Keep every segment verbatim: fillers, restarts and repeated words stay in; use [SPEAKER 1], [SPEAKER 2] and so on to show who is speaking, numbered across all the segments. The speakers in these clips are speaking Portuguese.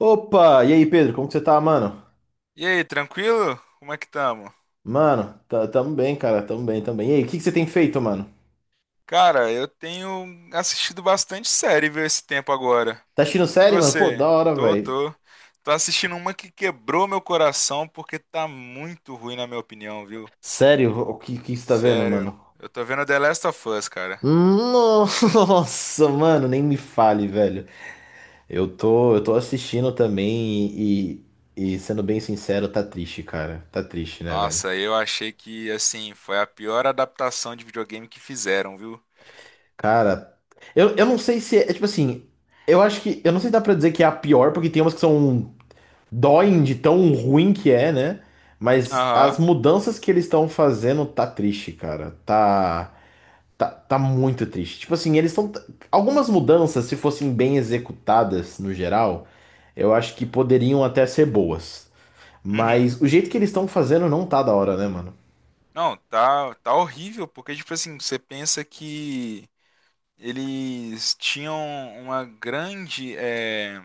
[SPEAKER 1] Opa! E aí, Pedro, como que você tá, mano?
[SPEAKER 2] E aí, tranquilo? Como é que tamo?
[SPEAKER 1] Mano, tá, tamo bem, cara, tamo bem, tamo bem. E aí, o que que você tem feito, mano?
[SPEAKER 2] Cara, eu tenho assistido bastante série, viu, esse tempo agora.
[SPEAKER 1] Tá assistindo
[SPEAKER 2] E
[SPEAKER 1] série, mano? Pô,
[SPEAKER 2] você?
[SPEAKER 1] da hora,
[SPEAKER 2] Tô,
[SPEAKER 1] velho.
[SPEAKER 2] tô. Tô assistindo uma que quebrou meu coração porque tá muito ruim na minha opinião, viu?
[SPEAKER 1] Sério, o que que você tá vendo,
[SPEAKER 2] Sério.
[SPEAKER 1] mano?
[SPEAKER 2] Eu tô vendo The Last of Us, cara.
[SPEAKER 1] Nossa, mano, nem me fale, velho. Eu tô, eu tô assistindo também e, e, sendo bem sincero, tá triste, cara. Tá triste, né, velho?
[SPEAKER 2] Nossa, eu achei que, assim, foi a pior adaptação de videogame que fizeram, viu?
[SPEAKER 1] Cara, eu, eu não sei se é, tipo assim, eu acho que, eu não sei se dá pra dizer que é a pior, porque tem umas que são doem de tão ruim que é, né? Mas as
[SPEAKER 2] Aham.
[SPEAKER 1] mudanças que eles estão fazendo tá triste, cara. Tá, tá, tá muito triste. Tipo assim, eles estão. Algumas mudanças, se fossem bem executadas no geral, eu acho que poderiam até ser boas.
[SPEAKER 2] Uhum.
[SPEAKER 1] Mas o jeito que eles estão fazendo não tá da hora, né, mano?
[SPEAKER 2] Não, tá, tá horrível, porque, tipo assim, você pensa que eles tinham uma grande, eh,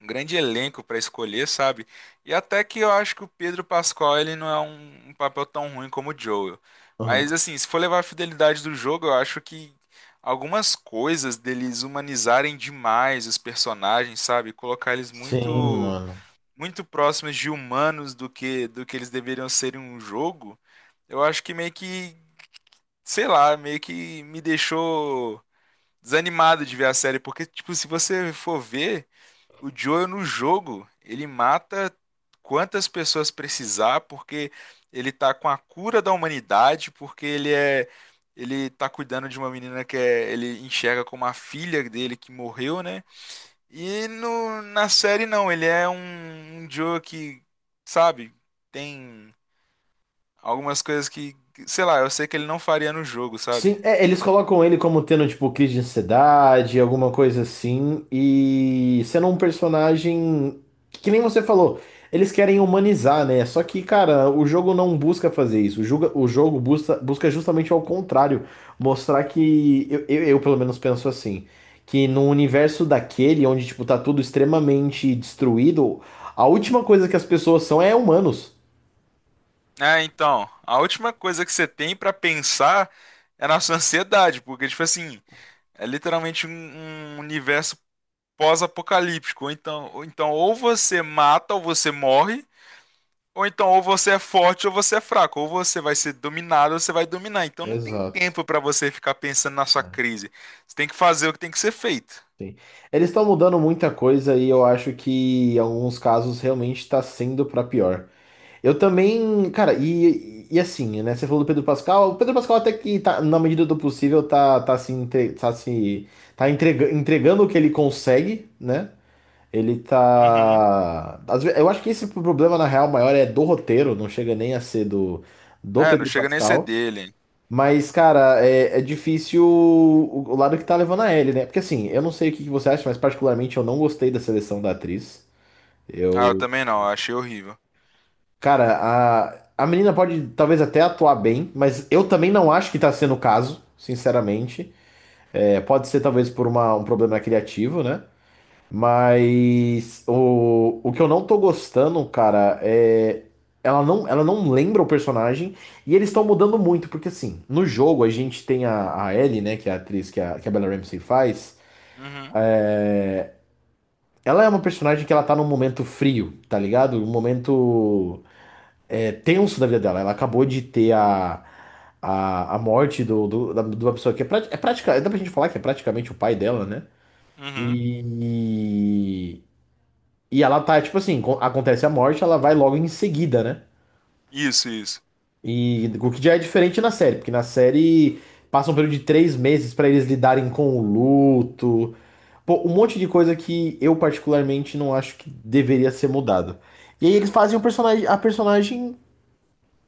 [SPEAKER 2] um grande elenco para escolher, sabe? E até que eu acho que o Pedro Pascal ele não é um, um papel tão ruim como o Joel. Mas
[SPEAKER 1] Aham.
[SPEAKER 2] assim, se for levar a fidelidade do jogo, eu acho que algumas coisas deles humanizarem demais os personagens, sabe? Colocar eles
[SPEAKER 1] Sim,
[SPEAKER 2] muito
[SPEAKER 1] mano.
[SPEAKER 2] muito próximos de humanos do que do que eles deveriam ser em um jogo. Eu acho que meio que, sei lá, meio que me deixou desanimado de ver a série, porque, tipo, se você for ver, o Joel no jogo, ele mata quantas pessoas precisar, porque ele tá com a cura da humanidade, porque ele é. Ele tá cuidando de uma menina que é- ele enxerga como a filha dele que morreu, né? E no, na série não, ele é um, um Joe que, sabe, tem algumas coisas que, que, sei lá, eu sei que ele não faria no jogo, sabe?
[SPEAKER 1] Sim, é, eles colocam ele como tendo, tipo, crise de ansiedade, alguma coisa assim, e sendo um personagem que, que nem você falou, eles querem humanizar, né? Só que, cara, o jogo não busca fazer isso. O jogo, o jogo busca, busca justamente ao contrário, mostrar que, eu, eu, eu, pelo menos penso assim, que no universo daquele, onde, tipo, tá tudo extremamente destruído, a última coisa que as pessoas são é humanos.
[SPEAKER 2] É, então, a última coisa que você tem pra pensar é na sua ansiedade, porque, tipo assim, é literalmente um, um universo pós-apocalíptico. Ou então, ou então, ou você mata ou você morre, ou então, ou você é forte ou você é fraco, ou você vai ser dominado ou você vai dominar. Então, não tem
[SPEAKER 1] Exato.
[SPEAKER 2] tempo pra você ficar pensando na sua crise. Você tem que fazer o que tem que ser feito.
[SPEAKER 1] Sim. Eles estão mudando muita coisa e eu acho que em alguns casos realmente está sendo para pior. Eu também, cara, e, e assim, né? Você falou do Pedro Pascal. O Pedro Pascal até que tá, na medida do possível, tá, tá se, entre, tá se tá entrega- entregando o que ele consegue, né? Ele
[SPEAKER 2] Uhum.
[SPEAKER 1] tá. às ve- eu acho que esse problema, na real, maior é do roteiro, não chega nem a ser do, do
[SPEAKER 2] É, não
[SPEAKER 1] Pedro
[SPEAKER 2] chega nem a ser
[SPEAKER 1] Pascal.
[SPEAKER 2] dele.
[SPEAKER 1] Mas, cara, é, é difícil o, o lado que tá levando a Ellie, né? Porque assim, eu não sei o que que você acha, mas particularmente eu não gostei da seleção da atriz.
[SPEAKER 2] Ah, eu
[SPEAKER 1] Eu.
[SPEAKER 2] também não, eu achei horrível.
[SPEAKER 1] Cara, a, a menina pode talvez até atuar bem, mas eu também não acho que tá sendo o caso, sinceramente. É, pode ser talvez por uma, um problema criativo, né? Mas o, o que eu não tô gostando, cara, é. Ela não, ela não lembra o personagem e eles estão mudando muito, porque assim, no jogo a gente tem a, a Ellie, né, que é a atriz que a, que a Bella Ramsey faz.
[SPEAKER 2] Uhum,
[SPEAKER 1] Ela é uma personagem que ela tá num momento frio, tá ligado? Um momento é, tenso da vida dela. Ela acabou de ter a, a, a morte do, do, da, de uma pessoa que é, prati- é prática, dá pra gente falar que é praticamente o pai dela, né?
[SPEAKER 2] uhum.
[SPEAKER 1] E, E ela tá, tipo assim, co- acontece a morte, ela vai logo em seguida, né?
[SPEAKER 2] Isso, isso.
[SPEAKER 1] E o que já é diferente na série, porque na série passa um período de três meses pra eles lidarem com o luto, pô, um monte de coisa que eu particularmente não acho que deveria ser mudado. E aí eles fazem o personagem, a personagem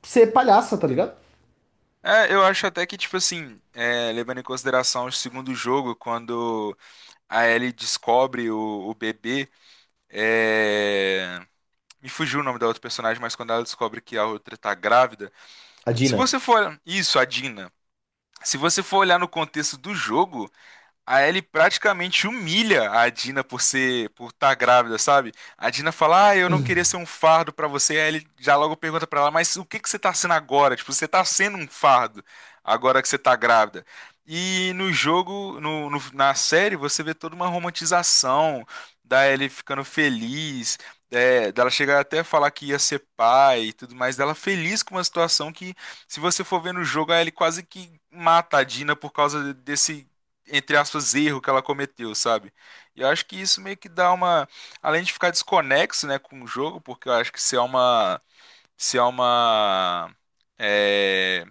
[SPEAKER 1] ser palhaça, tá ligado?
[SPEAKER 2] É, eu acho até que, tipo assim, é, levando em consideração o segundo jogo, quando a Ellie descobre o, o bebê, é, me fugiu o nome da outra personagem, mas quando ela descobre que a outra tá grávida.
[SPEAKER 1] A
[SPEAKER 2] Se
[SPEAKER 1] Dina,
[SPEAKER 2] você for. Isso, a Dina. Se você for olhar no contexto do jogo. A Ellie praticamente humilha a Dina por ser, por estar grávida, sabe? A Dina fala: "Ah, eu não queria ser um fardo pra você". A Ellie já logo pergunta pra ela: "Mas o que que você tá sendo agora? Tipo, você tá sendo um fardo agora que você tá grávida". E no jogo, no, no- na série, você vê toda uma romantização da Ellie ficando feliz, é, dela chegar até a falar que ia ser pai e tudo mais, dela feliz com uma situação que, se você for ver no jogo, a Ellie quase que mata a Dina por causa desse entre aspas, erro que ela cometeu, sabe? E eu acho que isso meio que dá uma. Além de ficar desconexo, né, com o jogo, porque eu acho que se é uma. Se é uma. É,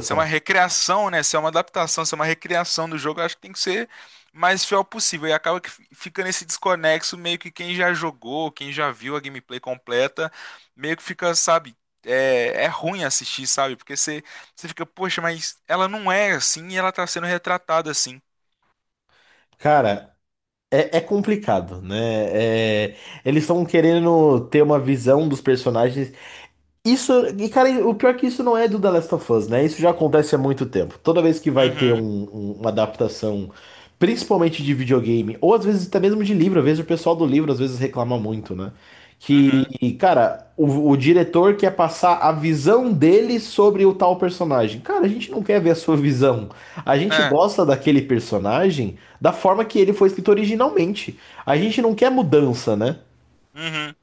[SPEAKER 2] se é uma recriação, né? Se é uma adaptação, se é uma recriação do jogo, eu acho que tem que ser mais fiel possível. E acaba que fi- fica nesse desconexo, meio que quem já jogou, quem já viu a gameplay completa, meio que fica, sabe? É, é ruim assistir, sabe? Porque você, você fica, poxa, mas ela não é assim e ela tá sendo retratada assim.
[SPEAKER 1] Cara, é, é complicado, né? É, eles estão querendo ter uma visão dos personagens. Isso, e cara, o pior é que isso não é do The Last of Us, né? Isso já acontece há muito tempo. Toda vez que vai ter um-
[SPEAKER 2] Uhum.
[SPEAKER 1] um- uma adaptação, principalmente de videogame, ou às vezes até mesmo de livro, eu vejo o pessoal do livro às vezes reclama muito, né?
[SPEAKER 2] Uhum.
[SPEAKER 1] Que, cara, o, o diretor quer passar a visão dele sobre o tal personagem. Cara, a gente não quer ver a sua visão. A gente
[SPEAKER 2] É.
[SPEAKER 1] gosta daquele personagem da forma que ele foi escrito originalmente. A gente não quer mudança, né?
[SPEAKER 2] Uhum.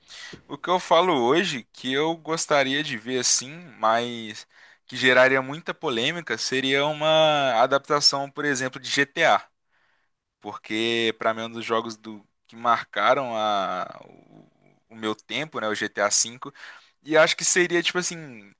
[SPEAKER 2] O que eu falo hoje, que eu gostaria de ver assim, mas que geraria muita polêmica, seria uma adaptação, por exemplo, de G T A, porque para mim é um dos jogos do, que marcaram a, o, o meu tempo, né, o G T A V, e acho que seria, tipo assim,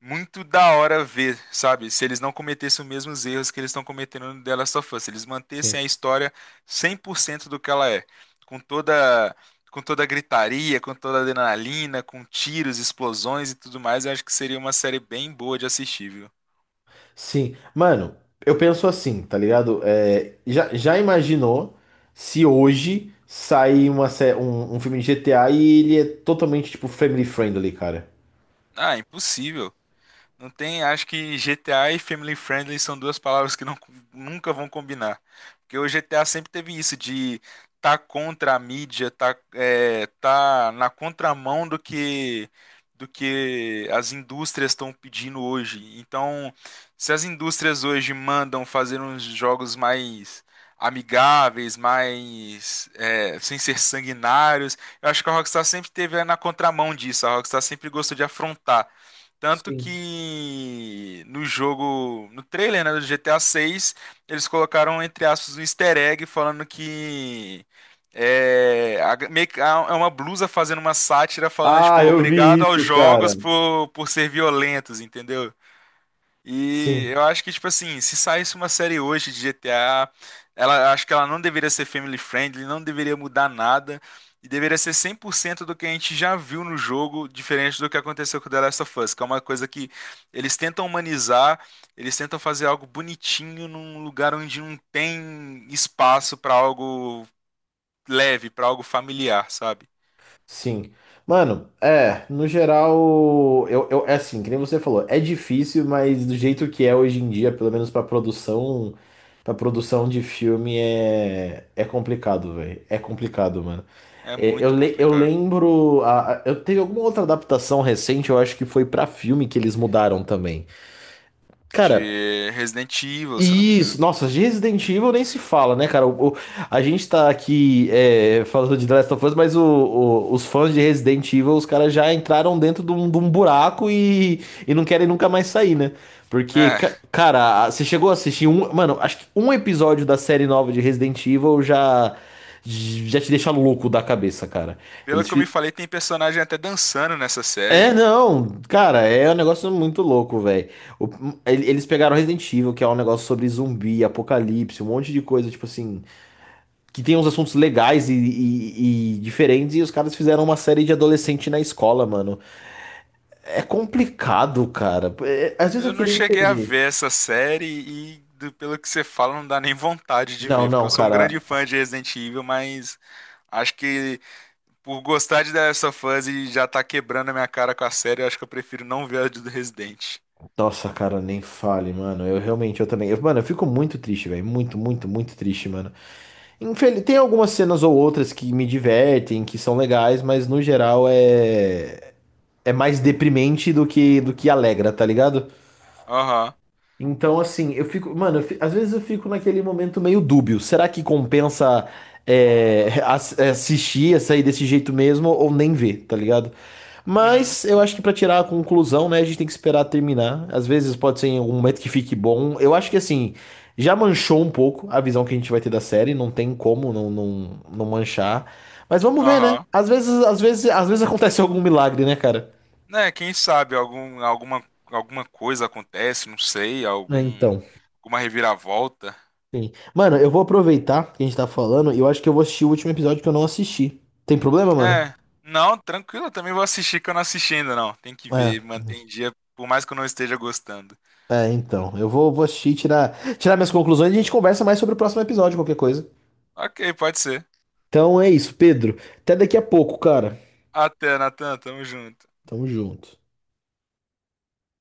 [SPEAKER 2] muito da hora ver, sabe, se eles não cometessem os mesmos erros que eles estão cometendo no The Last of Us, se eles mantessem
[SPEAKER 1] Sim.
[SPEAKER 2] a história cem por cento do que ela é, com toda... Com toda a gritaria, com toda a adrenalina, com tiros, explosões e tudo mais, eu acho que seria uma série bem boa de assistir, viu?
[SPEAKER 1] Sim, mano, eu penso assim, tá ligado? É, já, já imaginou se hoje sair uma, sé- um, um filme de G T A e ele é totalmente, tipo, family friendly, cara?
[SPEAKER 2] Ah, impossível. Não tem, acho que G T A e Family Friendly são duas palavras que não, nunca vão combinar. Porque o G T A sempre teve isso de tá contra a mídia, tá, é, tá na contramão do que do que as indústrias estão pedindo hoje. Então, se as indústrias hoje mandam fazer uns jogos mais amigáveis, mais é, sem ser sanguinários, eu acho que a Rockstar sempre teve é, na contramão disso. A Rockstar sempre gostou de afrontar. Tanto
[SPEAKER 1] Sim.
[SPEAKER 2] que no jogo, no trailer, né, do G T A seis, eles colocaram, entre aspas, um easter egg falando que é, a- meio que- a- é uma blusa fazendo uma sátira falando, tipo,
[SPEAKER 1] Ah, eu vi
[SPEAKER 2] obrigado aos
[SPEAKER 1] isso,
[SPEAKER 2] jogos
[SPEAKER 1] cara.
[SPEAKER 2] por, por ser violentos, entendeu? E
[SPEAKER 1] Sim,
[SPEAKER 2] eu acho que, tipo assim, se saísse uma série hoje de G T A, ela acho que ela não deveria ser family friendly, não deveria mudar nada, e deveria ser cem por cento do que a gente já viu no jogo, diferente do que aconteceu com The Last of Us, que é uma coisa que eles tentam humanizar, eles tentam fazer algo bonitinho num lugar onde não tem espaço pra algo leve, pra algo familiar, sabe?
[SPEAKER 1] sim. Mano, é, no geral, eu, eu, é assim, que nem você falou, é difícil, mas do jeito que é hoje em dia, pelo menos pra produção, pra produção de filme, é, é complicado, velho. É complicado, mano.
[SPEAKER 2] É
[SPEAKER 1] É, Eu,
[SPEAKER 2] muito
[SPEAKER 1] le- eu
[SPEAKER 2] complicado.
[SPEAKER 1] lembro. a- a- eu teve alguma outra adaptação recente, eu acho que foi pra filme que eles mudaram também. Cara,
[SPEAKER 2] De Resident Evil, se eu não me engano.
[SPEAKER 1] isso. Nossa, de Resident Evil nem se fala, né, cara? O- o- a gente tá aqui é, falando de The Last of Us, mas o- o- os fãs de Resident Evil, os caras já entraram dentro de um, de um buraco e, e não querem nunca mais sair, né? Porque,
[SPEAKER 2] É.
[SPEAKER 1] ca- cara, a- você chegou a assistir um. Mano, acho que um episódio da série nova de Resident Evil já. Já te deixa louco da cabeça, cara.
[SPEAKER 2] Pelo
[SPEAKER 1] Eles,
[SPEAKER 2] que eu me
[SPEAKER 1] fi-
[SPEAKER 2] falei, tem personagem até dançando nessa série.
[SPEAKER 1] É, não, cara, é um negócio muito louco, velho. Eles pegaram Resident Evil, que é um negócio sobre zumbi, apocalipse, um monte de coisa, tipo assim, que tem uns assuntos legais e, e- e diferentes, e os caras fizeram uma série de adolescente na escola, mano. É complicado, cara. É, às vezes
[SPEAKER 2] Eu
[SPEAKER 1] eu
[SPEAKER 2] não
[SPEAKER 1] queria
[SPEAKER 2] cheguei a
[SPEAKER 1] entender.
[SPEAKER 2] ver essa série e, do- pelo que você fala, não dá nem vontade de
[SPEAKER 1] Não,
[SPEAKER 2] ver, porque
[SPEAKER 1] não,
[SPEAKER 2] eu sou um grande
[SPEAKER 1] cara.
[SPEAKER 2] fã de Resident Evil, mas acho que por gostar de The Last of Us e já tá quebrando a minha cara com a série, eu acho que eu prefiro não ver a do Resident.
[SPEAKER 1] Nossa, cara, nem fale, mano. Eu realmente, eu também. eu- mano, eu fico muito triste, velho. Muito, muito, muito triste, mano. Infel- Tem algumas cenas ou outras que me divertem, que são legais, mas no geral é é mais deprimente do que do que alegra, tá ligado?
[SPEAKER 2] Aham,
[SPEAKER 1] Então, assim, eu fico. Mano, eu fi- às vezes eu fico naquele momento meio dúbio. Será que compensa é, ass- é, assistir, sair desse jeito mesmo ou nem ver, tá ligado?
[SPEAKER 2] uhum,
[SPEAKER 1] Mas eu acho que pra tirar a conclusão, né, a gente tem que esperar terminar. Às vezes pode ser em algum momento que fique bom. Eu acho que, assim, já manchou um pouco a visão que a gente vai ter da série. Não tem como não, não, não manchar. Mas vamos ver, né?
[SPEAKER 2] aham.
[SPEAKER 1] Às vezes, às vezes, às vezes acontece algum milagre, né, cara?
[SPEAKER 2] Né, quem sabe algum, alguma, alguma coisa acontece, não sei,
[SPEAKER 1] É,
[SPEAKER 2] algum,
[SPEAKER 1] então.
[SPEAKER 2] alguma reviravolta.
[SPEAKER 1] Sim. Mano, eu vou aproveitar que a gente tá falando e eu acho que eu vou assistir o último episódio que eu não assisti. Tem problema, mano?
[SPEAKER 2] É, não, tranquilo, eu também vou assistir que eu não assisti ainda, não. Tem que
[SPEAKER 1] É,
[SPEAKER 2] ver, manter em dia, por mais que eu não esteja gostando.
[SPEAKER 1] é, então. Eu vou, vou assistir, tirar, tirar minhas conclusões e a gente conversa mais sobre o próximo episódio, qualquer coisa.
[SPEAKER 2] Ok, pode ser.
[SPEAKER 1] Então é isso, Pedro. Até daqui a pouco, cara.
[SPEAKER 2] Até, Natan, tamo junto.
[SPEAKER 1] Tamo junto.